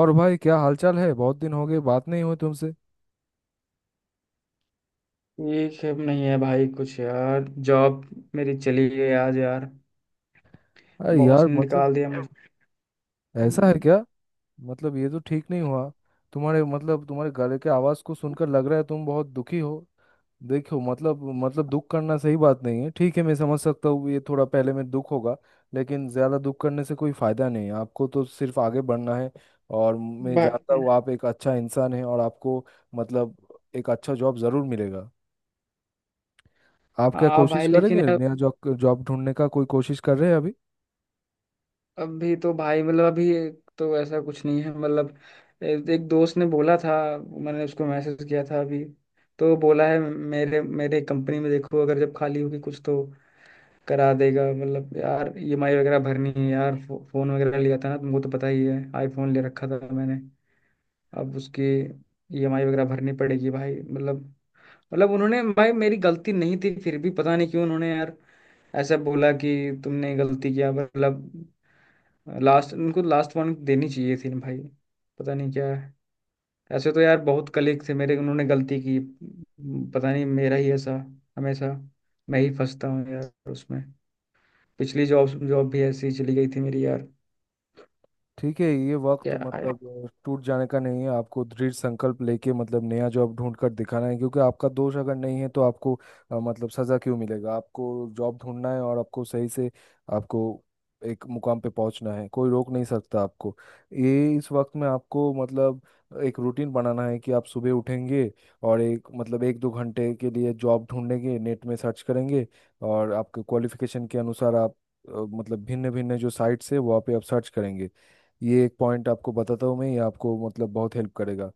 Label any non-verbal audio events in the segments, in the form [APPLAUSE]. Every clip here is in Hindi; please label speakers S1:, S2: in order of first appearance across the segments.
S1: और भाई क्या हालचाल है। बहुत दिन हो गए बात नहीं हुई तुमसे।
S2: ठीक है नहीं है भाई कुछ यार जॉब मेरी चली गई आज यार।
S1: अरे
S2: बॉस
S1: यार
S2: ने
S1: मतलब
S2: निकाल दिया मुझे।
S1: ऐसा है क्या? मतलब ये तो ठीक नहीं हुआ। तुम्हारे तुम्हारे गले के आवाज़ को सुनकर लग रहा है तुम बहुत दुखी हो। देखो मतलब दुख करना सही बात नहीं है। ठीक है, मैं समझ सकता हूँ ये थोड़ा पहले में दुख होगा। लेकिन ज़्यादा दुख करने से कोई फ़ायदा नहीं है, आपको तो सिर्फ आगे बढ़ना है। और मैं
S2: बा-
S1: जानता हूँ आप एक अच्छा इंसान हैं और आपको मतलब एक अच्छा जॉब ज़रूर मिलेगा। आप क्या
S2: हाँ
S1: कोशिश
S2: भाई लेकिन
S1: करेंगे?
S2: यार।
S1: नया जॉब जॉब ढूंढने का कोई कोशिश कर रहे हैं अभी?
S2: अभी तो भाई मतलब अभी तो ऐसा कुछ नहीं है मतलब। एक दोस्त ने बोला था। मैंने उसको मैसेज किया था अभी। तो बोला है मेरे मेरे कंपनी में देखो अगर जब खाली होगी कुछ तो करा देगा। मतलब यार ईएमआई वगैरह भरनी है यार। फोन वगैरह लिया था ना तुमको तो पता ही है। आईफोन ले रखा था मैंने। अब उसकी ईएमआई वगैरह भरनी पड़ेगी भाई मतलब। मतलब उन्होंने भाई मेरी गलती नहीं थी फिर भी पता नहीं क्यों उन्होंने यार ऐसा बोला कि तुमने गलती किया मतलब। लास्ट उनको लास्ट वार्निंग देनी चाहिए थी ना भाई। पता नहीं क्या है। ऐसे तो यार बहुत कलीग थे मेरे उन्होंने गलती की। पता नहीं मेरा ही ऐसा हमेशा मैं ही फंसता हूँ यार उसमें। पिछली जॉब जॉब भी ऐसी ही चली गई थी मेरी यार।
S1: ठीक है, ये वक्त
S2: क्या।
S1: मतलब टूट जाने का नहीं है। आपको दृढ़ संकल्प लेके मतलब नया जॉब ढूंढ कर दिखाना है, क्योंकि आपका दोष अगर नहीं है तो आपको मतलब सजा क्यों मिलेगा आपको? जॉब ढूंढना है और आपको सही से, आपको एक मुकाम पे पहुंचना है, कोई रोक नहीं सकता आपको। ये इस वक्त में आपको मतलब एक रूटीन बनाना है कि आप सुबह उठेंगे, और एक मतलब एक दो घंटे के लिए जॉब ढूंढेंगे, नेट में सर्च करेंगे, और आपके क्वालिफिकेशन के अनुसार आप अ, मतलब भिन्न भिन्न जो साइट्स है वहाँ पे आप सर्च करेंगे। ये एक पॉइंट आपको बताता हूँ मैं, ये आपको मतलब बहुत हेल्प करेगा।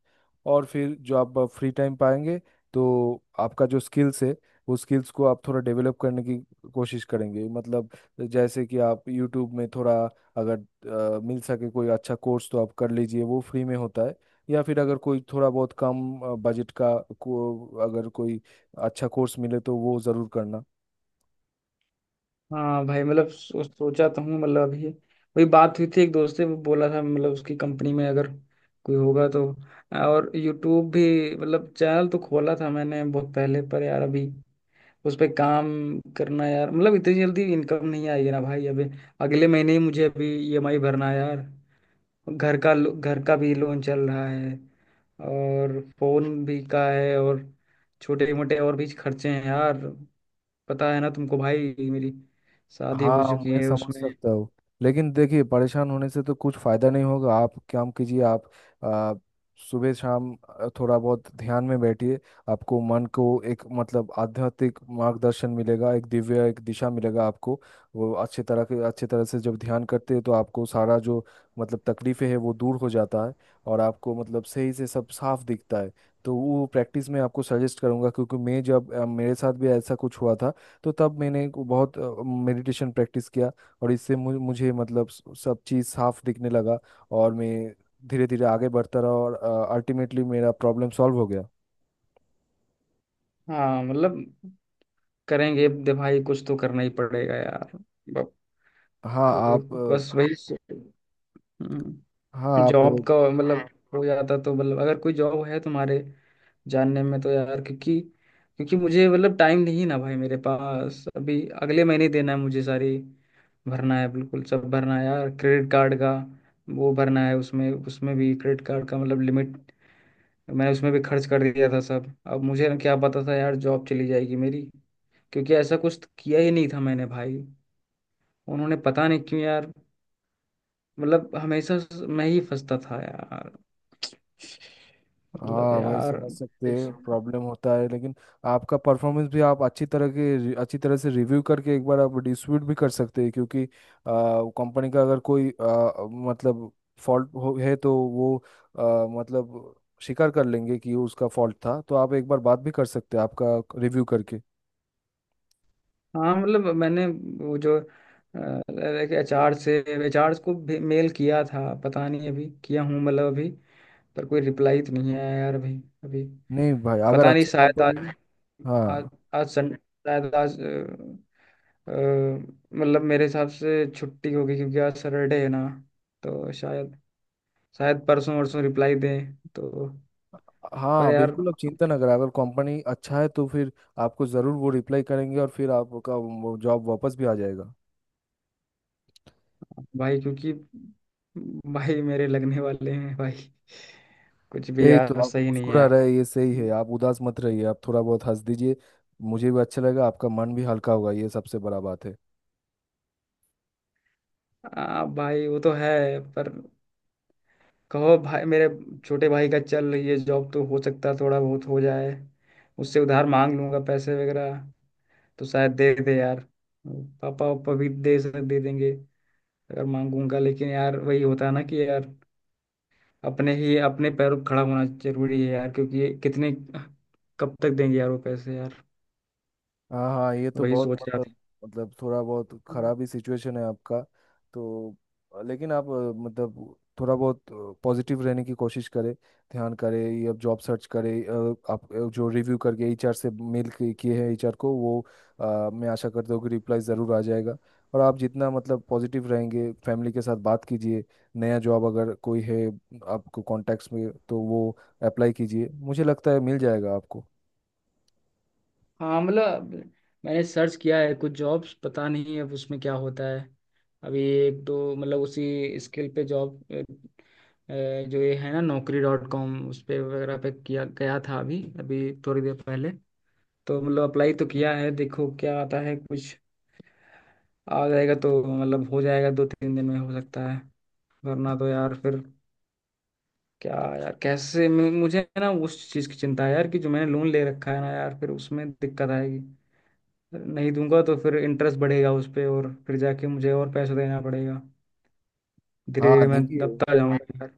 S1: और फिर जो आप फ्री टाइम पाएंगे तो आपका जो स्किल्स है वो स्किल्स को आप थोड़ा डेवलप करने की कोशिश करेंगे, मतलब जैसे कि आप यूट्यूब में थोड़ा, अगर मिल सके कोई अच्छा कोर्स तो आप कर लीजिए, वो फ्री में होता है। या फिर अगर कोई थोड़ा बहुत कम बजट का को अगर कोई अच्छा कोर्स मिले तो वो ज़रूर करना।
S2: हाँ भाई मतलब सोचा तो हूँ मतलब अभी वही बात हुई थी एक दोस्त से वो बोला था मतलब उसकी कंपनी में अगर कोई होगा तो। और यूट्यूब भी मतलब चैनल तो खोला था मैंने बहुत पहले पर यार अभी उस पे काम करना यार मतलब इतनी जल्दी इनकम नहीं आएगी ना भाई। अभी अगले महीने ही मुझे अभी ईएमआई भरना है यार। घर का भी लोन चल रहा है। और फोन भी का है। और छोटे मोटे और भी खर्चे हैं यार। पता है ना तुमको भाई मेरी शादी हो
S1: हाँ,
S2: चुकी
S1: मैं
S2: है
S1: समझ
S2: उसमें।
S1: सकता हूँ। लेकिन देखिए, परेशान होने से तो कुछ फायदा नहीं होगा, आप काम कीजिए। आप आ, सुबह शाम थोड़ा बहुत ध्यान में बैठिए, आपको मन को एक मतलब आध्यात्मिक मार्गदर्शन मिलेगा, एक दिव्य एक दिशा मिलेगा आपको। वो अच्छे तरह के अच्छे तरह से जब ध्यान करते हैं तो आपको सारा जो मतलब तकलीफें है वो दूर हो जाता है, और आपको मतलब सही से सब साफ दिखता है। तो वो प्रैक्टिस में आपको सजेस्ट करूंगा, क्योंकि मैं जब मेरे साथ भी ऐसा कुछ हुआ था, तो तब मैंने को बहुत मेडिटेशन प्रैक्टिस किया, और इससे मुझे मतलब सब चीज़ साफ दिखने लगा, और मैं धीरे धीरे आगे बढ़ता रहा, और अल्टीमेटली मेरा प्रॉब्लम सॉल्व हो गया।
S2: हाँ मतलब करेंगे। दे भाई कुछ तो करना ही पड़ेगा यार। बक-
S1: हाँ आप
S2: बस वही सो- हम्म,
S1: हाँ आप,
S2: जॉब का मतलब हो जाता तो मतलब अगर कोई जॉब है तुम्हारे जानने में तो यार। क्योंकि क्योंकि मुझे मतलब टाइम नहीं ना भाई मेरे पास। अभी अगले महीने देना है मुझे सारी भरना है बिल्कुल सब भरना है यार क्रेडिट कार्ड का। वो भरना है उसमें उसमें भी क्रेडिट कार्ड का मतलब लिमिट। मैंने उसमें भी खर्च कर दिया था सब। अब मुझे ना क्या पता था यार जॉब चली जाएगी मेरी। क्योंकि ऐसा कुछ तो किया ही नहीं था मैंने भाई। उन्होंने पता नहीं क्यों यार मतलब हमेशा मैं ही फंसता था यार मतलब
S1: हाँ भाई
S2: यार
S1: समझ सकते
S2: कुछ।
S1: हैं, प्रॉब्लम होता है। लेकिन आपका परफॉर्मेंस भी आप अच्छी तरह से रिव्यू करके एक बार आप डिस्प्यूट भी कर सकते हैं, क्योंकि कंपनी का अगर कोई मतलब फॉल्ट हो है तो वो मतलब स्वीकार कर लेंगे कि उसका फॉल्ट था, तो आप एक बार बात भी कर सकते हैं आपका रिव्यू करके।
S2: हाँ मतलब मैंने वो जो एचआर से एचआर को भी मेल किया था। पता नहीं अभी किया हूँ मतलब अभी। पर कोई रिप्लाई तो नहीं आया यार अभी अभी।
S1: नहीं भाई, अगर
S2: पता नहीं
S1: अच्छा
S2: शायद
S1: कंपनी,
S2: आज। आज
S1: हाँ,
S2: आज सन शायद आज। मतलब मेरे हिसाब से छुट्टी होगी क्योंकि आज सैटरडे है ना। तो शायद शायद परसों वरसों रिप्लाई दें तो। पर
S1: हाँ
S2: यार।
S1: बिल्कुल, आप चिंता ना करें, अगर कंपनी अच्छा है तो फिर आपको ज़रूर वो रिप्लाई करेंगे और फिर आपका जॉब वापस भी आ जाएगा।
S2: भाई क्योंकि भाई मेरे लगने वाले हैं भाई। कुछ भी
S1: यही तो,
S2: यार
S1: आप
S2: सही नहीं है
S1: मुस्कुरा रहे हैं,
S2: यार।
S1: ये सही है, आप उदास मत रहिए, आप थोड़ा बहुत हंस दीजिए, मुझे भी अच्छा लगा, आपका मन भी हल्का होगा, ये सबसे बड़ा बात है।
S2: भाई वो तो है पर कहो भाई मेरे छोटे भाई का चल रही है जॉब तो हो सकता है थोड़ा बहुत हो जाए। उससे उधार मांग लूंगा पैसे वगैरह। तो शायद दे दे यार। पापा वापा भी दे देंगे अगर मांगूंगा लेकिन यार वही होता है ना कि यार अपने ही अपने पैरों पर खड़ा होना जरूरी है यार। क्योंकि ये कितने कब तक देंगे यार वो पैसे यार।
S1: हाँ हाँ, ये तो
S2: वही
S1: बहुत
S2: सोच रहा था।
S1: मतलब, मतलब थोड़ा बहुत खराब ही सिचुएशन है आपका। तो लेकिन आप मतलब थोड़ा बहुत पॉजिटिव रहने की कोशिश करें, ध्यान करें ये, अब जॉब सर्च करें। आप जो रिव्यू करके एचआर से मेल किए हैं एचआर को, वो मैं आशा करता हूँ कि रिप्लाई ज़रूर आ जाएगा। और आप जितना मतलब पॉजिटिव रहेंगे, फैमिली के साथ बात कीजिए, नया जॉब अगर कोई है आपको कॉन्टैक्ट्स में तो वो अप्लाई कीजिए, मुझे लगता है मिल जाएगा आपको।
S2: हाँ मतलब मैंने सर्च किया है कुछ जॉब्स। पता नहीं अब उसमें क्या होता है। अभी एक दो मतलब उसी स्किल पे जॉब जो ये है ना naukri.com उस पे वगैरह पे किया गया था अभी अभी थोड़ी देर पहले। तो मतलब अप्लाई तो किया है देखो क्या आता है कुछ। आ जाएगा तो मतलब हो जाएगा दो तीन दिन में हो सकता है। वरना तो यार फिर क्या यार कैसे मुझे ना उस चीज़ की चिंता है यार कि जो मैंने लोन ले रखा है ना यार फिर उसमें दिक्कत आएगी। नहीं दूंगा तो फिर इंटरेस्ट बढ़ेगा उस पे और फिर जाके मुझे और पैसा देना पड़ेगा। धीरे
S1: हाँ
S2: धीरे मैं
S1: देखिए,
S2: दबता जाऊंगा यार।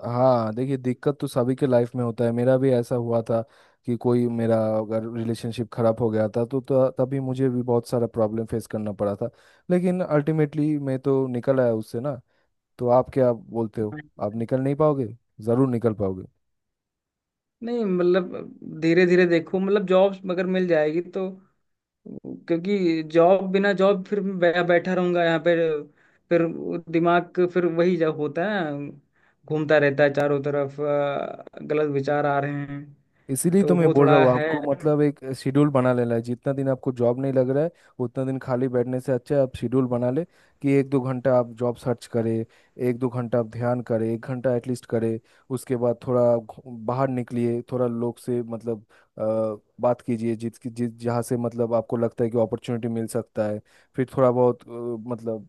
S1: हाँ देखिए, दिक्कत तो सभी के लाइफ में होता है, मेरा भी ऐसा हुआ था कि कोई मेरा अगर रिलेशनशिप खराब हो गया था, तो तभी मुझे भी बहुत सारा प्रॉब्लम फेस करना पड़ा था, लेकिन अल्टीमेटली मैं तो निकल आया उससे ना। तो आप क्या बोलते हो, आप निकल नहीं पाओगे? जरूर निकल पाओगे।
S2: नहीं मतलब धीरे धीरे देखो मतलब जॉब्स अगर मिल जाएगी तो। क्योंकि जॉब बिना जॉब फिर बैठा रहूंगा यहाँ पे। फिर वो दिमाग का फिर वही जब होता है ना, घूमता रहता है चारों तरफ गलत विचार आ रहे हैं।
S1: इसीलिए तो
S2: तो
S1: मैं
S2: वो
S1: बोल रहा
S2: थोड़ा
S1: हूँ
S2: है।
S1: आपको, मतलब एक शेड्यूल बना लेना है। जितना दिन आपको जॉब नहीं लग रहा है उतना दिन खाली बैठने से अच्छा है आप शेड्यूल बना ले, कि एक दो घंटा आप जॉब सर्च करें, एक दो घंटा आप ध्यान करें, एक घंटा एटलीस्ट करें, उसके बाद थोड़ा बाहर निकलिए, थोड़ा लोग से मतलब अ, बात कीजिए, जिस जिस जहाँ से मतलब आपको लगता है कि अपॉर्चुनिटी मिल सकता है, फिर थोड़ा बहुत मतलब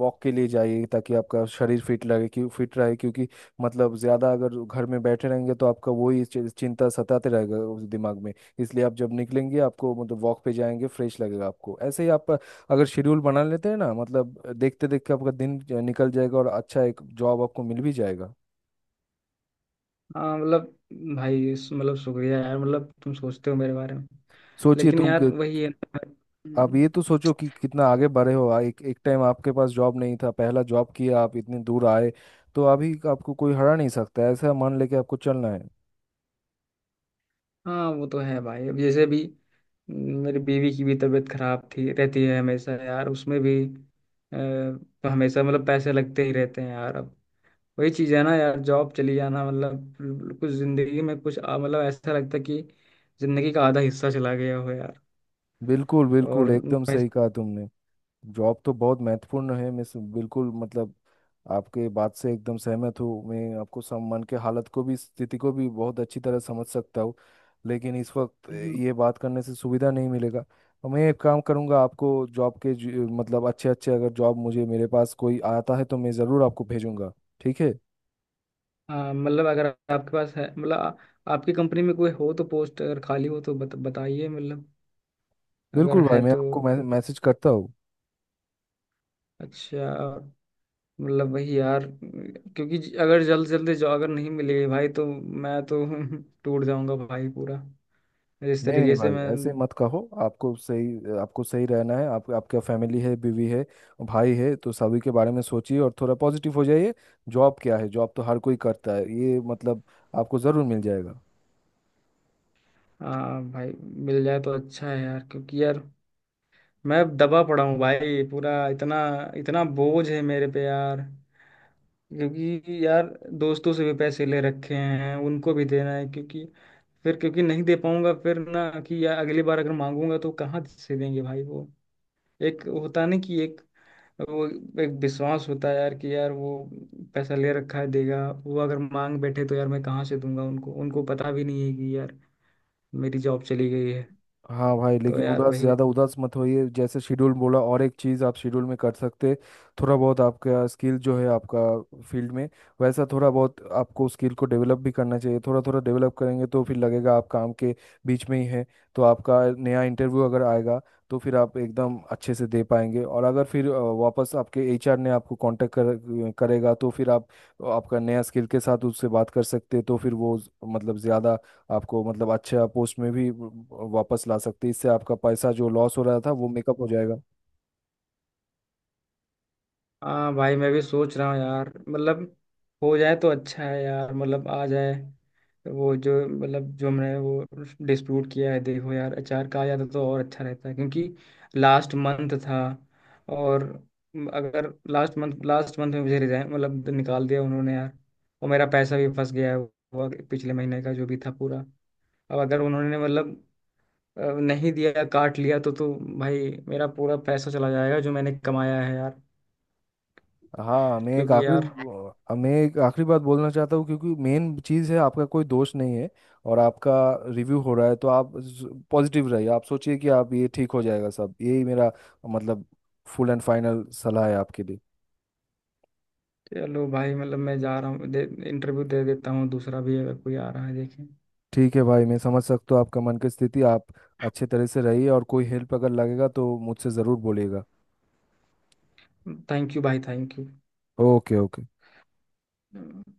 S1: वॉक के लिए जाइए ताकि आपका शरीर फिट लगे, क्यों फिट रहे क्योंकि मतलब ज्यादा अगर घर में बैठे रहेंगे तो आपका वही चिंता सताते रहेगा उस दिमाग में। इसलिए आप जब निकलेंगे आपको मतलब वॉक पे जाएंगे, फ्रेश लगेगा आपको, ऐसे ही आप अगर शेड्यूल बना लेते हैं ना, मतलब देखते देखते आपका दिन निकल जाएगा और अच्छा एक जॉब आपको मिल भी जाएगा।
S2: हाँ मतलब भाई मतलब शुक्रिया यार मतलब तुम सोचते हो मेरे बारे में।
S1: सोचिए
S2: लेकिन
S1: तुम
S2: यार वही है ना भाई।
S1: आप
S2: हम्म।
S1: ये तो सोचो कि कितना आगे बढ़े हो। एक एक टाइम आपके पास जॉब नहीं था, पहला जॉब किया, आप इतनी दूर आए, तो अभी आपको कोई हरा नहीं सकता, ऐसा मान लेके आपको चलना है।
S2: हाँ वो तो है भाई अब जैसे भी। मेरी बीवी की भी तबीयत खराब थी रहती है हमेशा यार उसमें भी। तो हमेशा मतलब पैसे लगते ही रहते हैं यार अब। वही चीज है ना यार जॉब चली जाना मतलब कुछ जिंदगी में कुछ मतलब ऐसा लगता है कि जिंदगी का आधा हिस्सा चला गया हो यार।
S1: बिल्कुल बिल्कुल,
S2: और
S1: एकदम
S2: वैसे-
S1: सही कहा तुमने। जॉब तो बहुत महत्वपूर्ण है, मैं बिल्कुल मतलब आपके बात से एकदम सहमत हूँ। मैं आपको सम मन के हालत को भी, स्थिति को भी बहुत अच्छी तरह समझ सकता हूँ, लेकिन इस वक्त
S2: हम्म।
S1: ये बात करने से सुविधा नहीं मिलेगा। तो मैं एक काम करूँगा, आपको जॉब के मतलब अच्छे अच्छे अगर जॉब मुझे मेरे पास कोई आता है तो मैं ज़रूर आपको भेजूंगा, ठीक है?
S2: हाँ, मतलब अगर आपके पास है मतलब आपकी कंपनी में कोई हो तो पोस्ट अगर खाली हो तो बताइए मतलब। अगर
S1: बिल्कुल भाई,
S2: है
S1: मैं
S2: तो।
S1: आपको मैसेज करता हूँ।
S2: अच्छा। मतलब वही यार। क्योंकि अगर जल्दी जॉब अगर नहीं मिलेगी भाई तो मैं तो [LAUGHS] टूट जाऊंगा भाई पूरा। जिस
S1: नहीं नहीं
S2: तरीके से
S1: भाई,
S2: मैं।
S1: ऐसे मत कहो, आपको सही, आपको सही रहना है। आप, आपका फैमिली है, बीवी है, भाई है, तो सभी के बारे में सोचिए और थोड़ा पॉजिटिव हो जाइए। जॉब क्या है, जॉब तो हर कोई करता है, ये मतलब आपको ज़रूर मिल जाएगा।
S2: हाँ भाई मिल जाए तो अच्छा है यार। क्योंकि यार मैं दबा पड़ा हूँ भाई पूरा। इतना इतना बोझ है मेरे पे यार। क्योंकि यार दोस्तों से भी पैसे ले रखे हैं उनको भी देना है। क्योंकि फिर क्योंकि नहीं दे पाऊंगा फिर ना कि यार अगली बार अगर मांगूंगा तो कहाँ से देंगे भाई वो। एक होता नहीं कि एक वो एक विश्वास होता है यार कि यार वो पैसा ले रखा है देगा। वो अगर मांग बैठे तो यार मैं कहाँ से दूंगा उनको। उनको पता भी नहीं है कि यार मेरी जॉब चली गई है।
S1: हाँ भाई,
S2: तो
S1: लेकिन
S2: यार
S1: उदास,
S2: वही।
S1: ज़्यादा उदास मत होइए, जैसे शेड्यूल बोला, और एक चीज़ आप शेड्यूल में कर सकते, थोड़ा बहुत आपका स्किल जो है आपका फील्ड में, वैसा थोड़ा बहुत आपको स्किल को डेवलप भी करना चाहिए, थोड़ा थोड़ा डेवलप करेंगे तो फिर लगेगा आप काम के बीच में ही है। तो आपका नया इंटरव्यू अगर आएगा तो फिर आप एकदम अच्छे से दे पाएंगे, और अगर फिर वापस आपके एचआर ने आपको कांटेक्ट करेगा तो फिर आप आपका नया स्किल के साथ उससे बात कर सकते, तो फिर वो मतलब ज़्यादा आपको मतलब अच्छा पोस्ट में भी वापस ला सकती है, इससे आपका पैसा जो लॉस हो रहा था वो मेकअप हो जाएगा।
S2: हाँ भाई मैं भी सोच रहा हूँ यार मतलब हो जाए तो अच्छा है यार मतलब आ जाए। वो जो मतलब जो हमने वो डिस्प्यूट किया है देखो यार अचार का आ जाता तो और अच्छा रहता है। क्योंकि लास्ट मंथ था। और अगर लास्ट मंथ में मुझे रिजाइन मतलब निकाल दिया उन्होंने यार। और मेरा पैसा भी फंस गया है वो पिछले महीने का जो भी था पूरा। अब अगर उन्होंने मतलब नहीं दिया काट लिया तो भाई मेरा पूरा पैसा चला जाएगा जो मैंने कमाया है यार।
S1: हाँ मैं एक
S2: क्योंकि
S1: आखिरी,
S2: यार।
S1: मैं एक आखिरी बात बोलना चाहता हूँ, क्योंकि मेन चीज़ है, आपका कोई दोष नहीं है और आपका रिव्यू हो रहा है तो आप पॉजिटिव रहिए, आप सोचिए कि आप ये ठीक हो जाएगा सब, यही मेरा मतलब फुल एंड फाइनल सलाह है आपके लिए।
S2: चलो भाई मतलब मैं जा रहा हूँ। दे इंटरव्यू दे देता हूँ दूसरा भी अगर कोई आ रहा है देखें।
S1: ठीक है भाई, मैं समझ सकता हूँ आपका मन की स्थिति। आप अच्छे तरह से रहिए और कोई हेल्प अगर लगेगा तो मुझसे ज़रूर बोलिएगा।
S2: थैंक यू भाई थैंक
S1: ओके ओके।
S2: यू।